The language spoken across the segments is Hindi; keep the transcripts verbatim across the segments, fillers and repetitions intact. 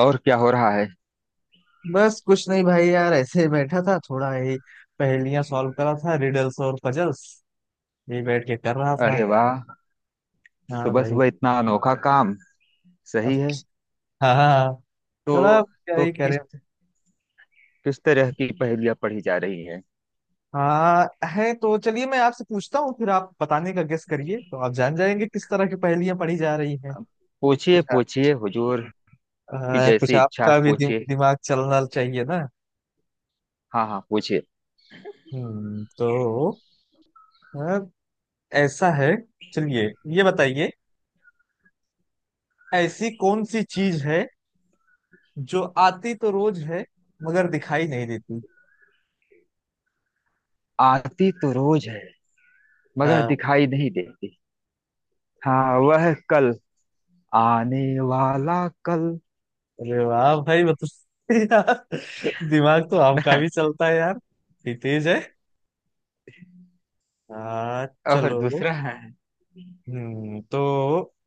और क्या हो रहा है। बस कुछ नहीं भाई यार ऐसे ही बैठा था थोड़ा यही पहेलियां सॉल्व कर रहा था रिडल्स और पजल्स, यही बैठ के कर रहा था। अरे वाह। हाँ सुबह भाई। सुबह इतना अनोखा काम। अब, सही है। हाँ, हाँ, हाँ। तो थोड़ा अब क्या तो ही करें। किस किस तरह की पहेलियां पढ़ी जा रही है? हाँ। है तो चलिए मैं आपसे पूछता हूँ, फिर आप बताने का गेस करिए तो आप जान जाएंगे किस तरह की पहेलियां पढ़ी जा रही हैं। पूछिए कुछ आ, पूछिए हुजूर। की आ, कुछ जैसी इच्छा आपका भी दिम, पूछिए। दिमाग चलना चाहिए ना। हाँ हाँ, पूछिए। हम्म तो आ, ऐसा है, चलिए ये बताइए, ऐसी कौन सी चीज है जो आती तो रोज है मगर दिखाई नहीं देती? आती तो रोज है मगर हाँ। दिखाई नहीं देती। हाँ, वह कल आने वाला कल। अरे वाह भाई, मतलब यार, दिमाग तो आपका भी चलता है यार। ये तेज है। हाँ और चलो। दूसरा है? हम्म तो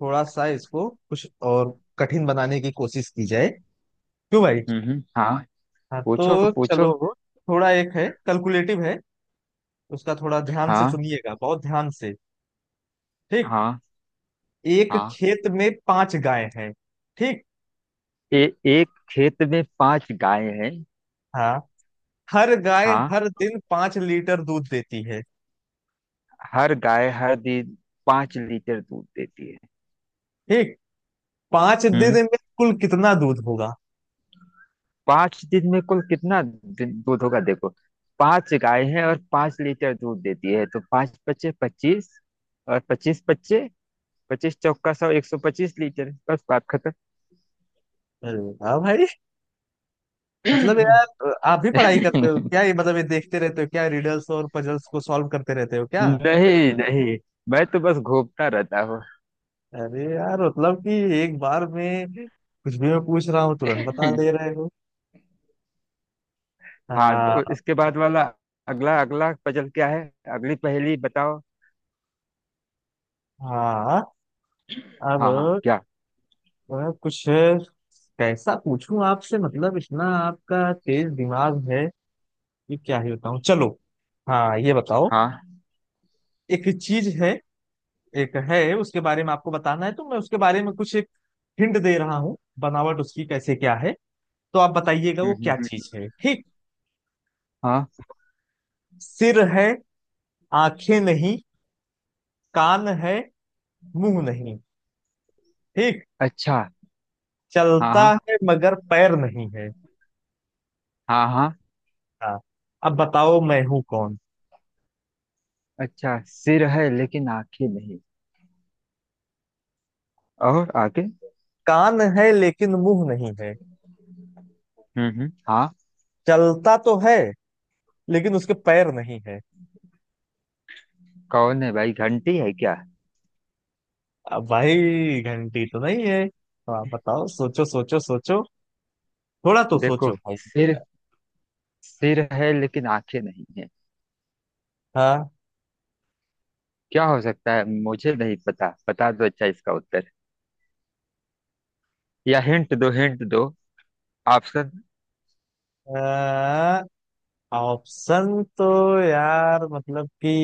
थोड़ा सा इसको कुछ और कठिन बनाने की कोशिश की जाए, क्यों भाई? हम्म हम्म, हाँ। हाँ पूछो तो चलो। पूछो। थोड़ा, एक है कैलकुलेटिव है, उसका थोड़ा ध्यान से हाँ सुनिएगा, बहुत ध्यान से। ठीक? हाँ एक हाँ। खेत में पांच गाय हैं। ठीक। ए, एक खेत में पांच गायें हैं। हाँ हर गाय हाँ। हर दिन पांच लीटर दूध देती है। हर गाय हर दिन पांच लीटर दूध देती है। ठीक। पांच दिन हम्म में कुल कितना दूध होगा? पांच दिन में कुल कितना दिन दूध होगा? देखो, पांच गाय हैं और पांच लीटर दूध देती है तो पांच पच्चे पच्चीस और पच्चीस पच्चे पच्चीस चौका सौ एक सौ पच्चीस लीटर। बस बात खत्म। अरे वाह भाई, मतलब यार आप भी पढ़ाई करते हो क्या? ये मतलब ये देखते रहते हो क्या, रिडल्स और पजल्स को सॉल्व करते रहते हो क्या? नहीं नहीं, मैं तो बस घूमता रहता हूँ। अरे यार मतलब कि एक बार में कुछ भी मैं पूछ रहा हूँ तुरंत बता ले रहे हो। हाँ, तो हाँ। इसके बाद वाला अगला अगला पजल क्या है? अगली पहेली बताओ। हाँ, अब हाँ हाँ, क्या? मैं कुछ कैसा पूछूं आपसे, मतलब इतना आपका तेज दिमाग है कि क्या ही बताऊं। चलो, हाँ, ये बताओ। हाँ। एक चीज है, एक है, उसके बारे में आपको बताना है तो मैं उसके बारे में कुछ एक हिंट दे रहा हूँ, बनावट उसकी कैसे क्या है, तो आप बताइएगा हम्म, वो क्या हम्म, हम्म, चीज है। ठीक? हाँ। सिर है, आंखें नहीं। कान है, मुंह नहीं। ठीक। अच्छा। हाँ चलता हाँ है मगर पैर नहीं है। हाँ। हाँ, अब बताओ मैं हूँ कौन? अच्छा, सिर है लेकिन आंखें नहीं? और आगे? कान है लेकिन मुंह नहीं है। हम्म हम्म, हाँ। चलता तो है लेकिन उसके पैर नहीं है। कौन है भाई, घंटी है क्या? अब भाई, घंटी तो नहीं है, तो आप बताओ, सोचो सोचो सोचो, थोड़ा तो देखो, सोचो भाई। सिर, सिर है लेकिन आंखें नहीं है। हाँ। क्या हो सकता है? मुझे नहीं पता। बता दो अच्छा, इसका उत्तर। या हिंट दो, हिंट दो, ऑप्शन। ऑप्शन, तो यार मतलब कि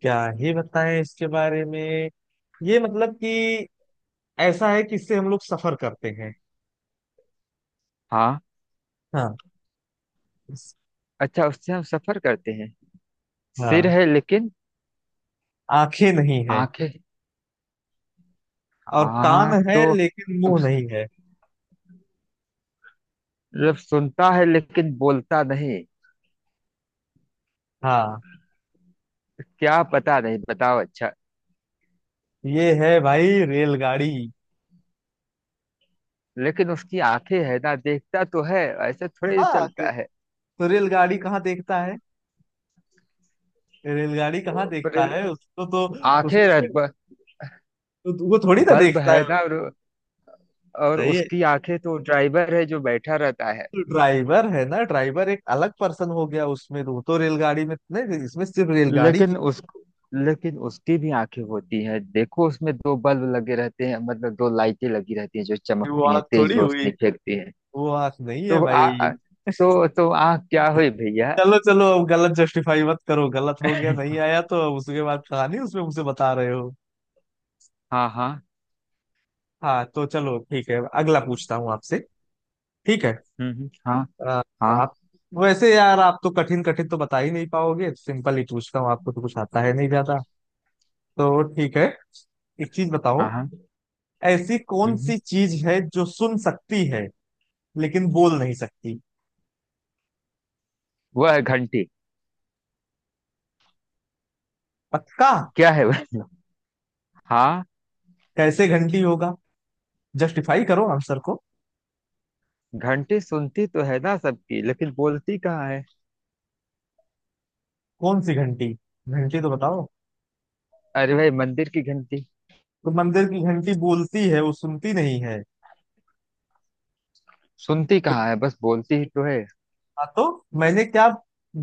क्या ही बताएं इसके बारे में। ये मतलब कि ऐसा है कि इससे हम लोग सफर करते हैं। हाँ। हाँ। इस- अच्छा, उससे हम सफर करते हैं। सिर हाँ, है लेकिन आंखें नहीं है, आंखें। और कान हाँ है तो, लेकिन अब, मुंह नहीं है। मतलब सुनता है लेकिन बोलता नहीं? हाँ, क्या? पता नहीं, बताओ अच्छा। ये है भाई रेलगाड़ी। लेकिन उसकी आंखें है ना, देखता तो है, ऐसे थोड़े ही हाँ। कि- चलता है। तो रेलगाड़ी कहाँ देखता है, रेलगाड़ी कहाँ पर देखता है उसको तो? आंखें रह, उसको ब- तो वो थोड़ी ना बल्ब देखता है है। ना, और, और सही है। उसकी आंखें तो ड्राइवर है जो बैठा रहता है। ड्राइवर है ना, ड्राइवर एक अलग पर्सन हो गया उसमें, वो तो रेलगाड़ी में नहीं, इसमें सिर्फ रेलगाड़ी की। लेकिन उस लेकिन उसकी भी आंखें होती है, देखो उसमें दो बल्ब लगे रहते हैं, मतलब दो लाइटें लगी रहती हैं, जो वो चमकती हैं, आंख तेज थोड़ी हुई, रोशनी फेंकती हैं। वो आंख नहीं है तो आ आ- भाई। तो तो आंख क्या हुई भैया? चलो चलो, अब गलत जस्टिफाई मत करो, गलत हो गया, नहीं आया तो अब उसके बाद कहानी उसमें मुझे बता रहे हो। हाँ हाँ। हाँ तो चलो, ठीक है, अगला पूछता हूँ आपसे। ठीक है। हम्म हम्म, हाँ। अ, हाँ आप, वैसे यार आप तो कठिन कठिन तो बता ही नहीं पाओगे, सिंपल ही पूछता हूँ आपको, तो कुछ आता है नहीं ज्यादा, तो ठीक है। एक चीज बताओ। हाँ हाँ। ऐसी हम्म कौन हम्म। सी चीज है जो सुन सकती है लेकिन बोल नहीं सकती? वह है घंटी। पक्का? क्या है वह? हाँ। कैसे घंटी होगा, जस्टिफाई करो आंसर को। घंटी सुनती तो है ना सबकी, लेकिन बोलती कहाँ है? कौन सी घंटी, घंटी तो बताओ। अरे भाई, मंदिर की घंटी। तो मंदिर की घंटी बोलती है, वो सुनती नहीं है। सुनती कहाँ है, बस बोलती ही तो है। हाँ, तो मैंने क्या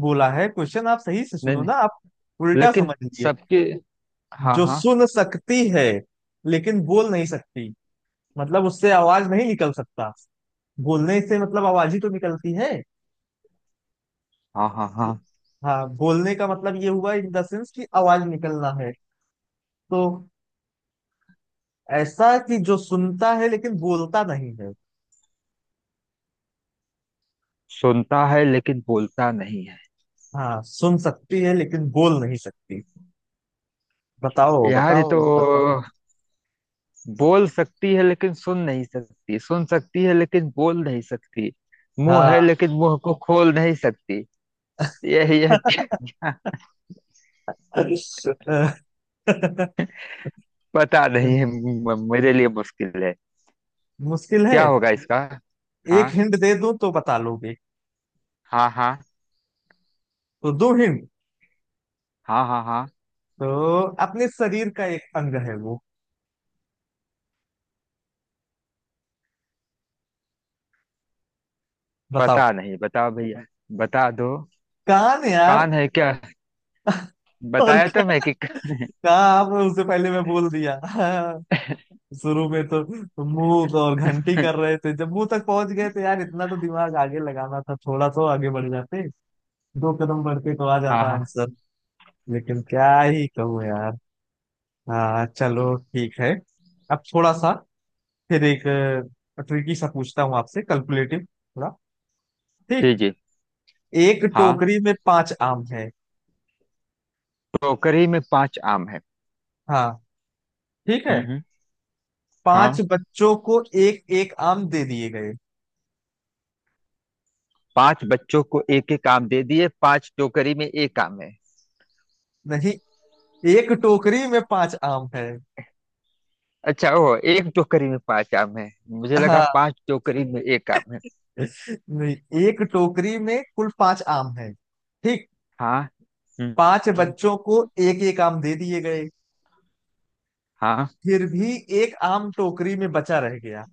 बोला है, क्वेश्चन आप सही से नहीं सुनो ना, नहीं, आप उल्टा लेकिन समझ लिए। सबके। हाँ जो हाँ सुन सकती है लेकिन बोल नहीं सकती, मतलब उससे आवाज नहीं निकल सकता, बोलने से मतलब आवाज ही तो निकलती है। हाँ। हाँ हाँ। हाँ, बोलने का मतलब ये हुआ इन द सेंस कि आवाज निकलना है। तो ऐसा कि जो सुनता है लेकिन बोलता नहीं है। सुनता है लेकिन बोलता नहीं है? हाँ, सुन सकती है लेकिन बोल नहीं सकती। बताओ यार ये बताओ तो बताओ। बोल सकती है लेकिन सुन नहीं सकती, सुन सकती है लेकिन बोल नहीं सकती, मुंह है हाँ। लेकिन मुंह को खोल नहीं सकती। यह यह क्या, क्या? पता नहीं है, म- मेरे लिए मुश्किल है। मुश्किल है। क्या होगा इसका? हाँ एक हिंट दे दूं तो बता लोगे? हाँ हाँ। तो दो हिंट। हाँ हाँ हाँ। तो अपने शरीर का एक अंग है वो, बताओ। पता नहीं, बताओ भैया, बता दो। कान यार। कान है क्या? और बताया क्या, तो मैं कि। काम उससे पहले मैं बोल दिया। हाँ, शुरू में तो मुंह तो और घंटी कर रहे थे, जब मुंह तक पहुंच गए तो यार इतना तो दिमाग आगे लगाना था, थोड़ा तो आगे बढ़ जाते। दो कदम बढ़ के तो आ हाँ जाता हाँ। आंसर। लेकिन क्या ही कहूँ यार। हाँ चलो ठीक है। अब थोड़ा सा फिर एक ट्रिकी सा पूछता हूँ आपसे, कैलकुलेटिव थोड़ा। ठीक। जी जी। एक हाँ, टोकरी में पांच आम है। टोकरी में पांच आम है। हाँ, ठीक है। हम्म हम्म। पांच हाँ, बच्चों को एक एक आम दे दिए गए। पांच बच्चों को एक एक आम दे दिए, पांच टोकरी में एक आम है। नहीं, एक टोकरी में पांच आम है। अच्छा ओ, एक टोकरी में पांच आम है। मुझे लगा हाँ, पांच टोकरी में एक आम है। नहीं, एक टोकरी में कुल पांच आम है। ठीक? हाँ। हम्म पांच हम्म, बच्चों को एक एक आम दे दिए गए, हाँ। फिर भी एक आम टोकरी में बचा रह गया।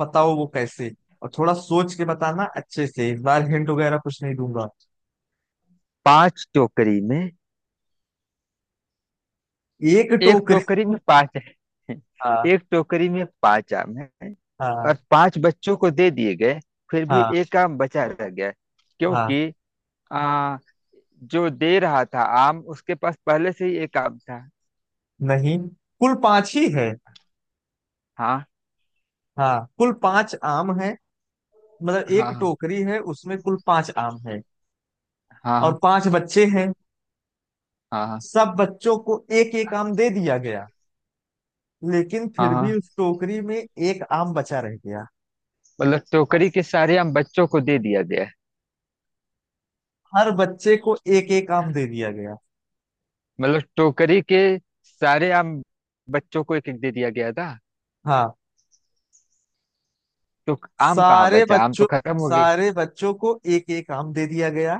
बताओ वो कैसे, और थोड़ा सोच के बताना अच्छे से, इस बार हिंट वगैरह कुछ नहीं दूंगा। पांच टोकरी में, एक एक टोकरी। टोकरी में पांच है। हाँ, एक टोकरी में पांच आम है और हाँ, पांच बच्चों को दे दिए गए, फिर भी हाँ, एक आम बचा रह गया हाँ। क्योंकि जो दे रहा था आम, उसके पास पहले से ही एक आम था। नहीं, कुल पांच ही है। हाँ हाँ, कुल पांच आम है। मतलब एक हाँ टोकरी है, उसमें कुल पांच आम है, और हाँ। पांच बच्चे हैं। हाँ हाँ सब बच्चों को एक एक आम दे दिया गया, लेकिन फिर भी हाँ। उस टोकरी में एक आम बचा रह गया। मतलब टोकरी बस, के सारे आम बच्चों को दे दिया गया है। हर बच्चे को एक एक आम दे दिया गया। मतलब टोकरी के सारे आम बच्चों को एक एक दे दिया गया था, हाँ, तो आम कहाँ सारे बचा? आम तो बच्चों खत्म हो गया। सारे बच्चों को एक एक आम दे दिया गया,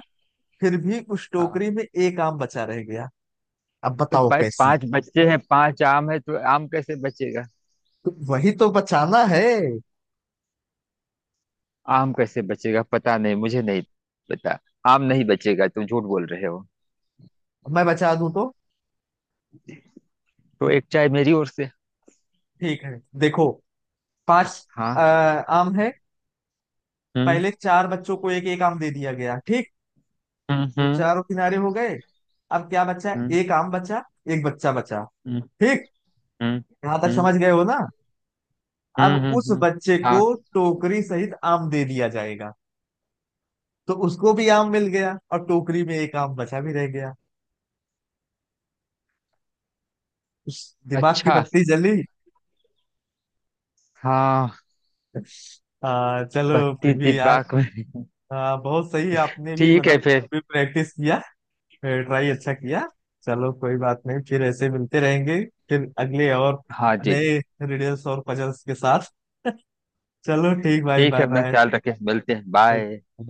फिर भी उस हाँ, टोकरी में एक आम बचा रह गया। अब तो बताओ भाई कैसे। पांच बच्चे हैं, पांच आम है, तो आम कैसे बचेगा? तो वही तो बचाना है। आम कैसे बचेगा? पता नहीं, मुझे नहीं पता। आम नहीं बचेगा, तुम झूठ बोल रहे हो। मैं बचा दूं तो? तो एक चाय मेरी ओर से। ठीक है, देखो, पांच हाँ अ, हाँ। आम है। हम्म पहले चार बच्चों को एक एक आम दे दिया गया। ठीक? हम्म वो हम्म चारों किनारे हो गए, अब क्या बचा? एक आम बचा, एक बच्चा बचा। हम्म, ठीक? हम्म यहाँ तक हम्म समझ गए हो ना? हम्म अब उस हम्म, हम्म। बच्चे को हाँ, टोकरी सहित आम दे दिया जाएगा, तो उसको भी आम मिल गया और टोकरी में एक आम बचा भी रह गया। उस दिमाग की अच्छा। बत्ती जली? हाँ। आ, हम्म। चलो, बत्ती फिर भी यार, दिमाग में। आ, बहुत सही, आपने भी ठीक मतलब है फिर। भी प्रैक्टिस किया, ट्राई अच्छा किया। चलो कोई बात नहीं, फिर ऐसे मिलते रहेंगे, फिर अगले और हाँ जी जी। नए रिडल्स और पजल्स के साथ। चलो ठीक भाई, ठीक है, बाय। अपना ख्याल रखें, मिलते हैं, बाय। बाय।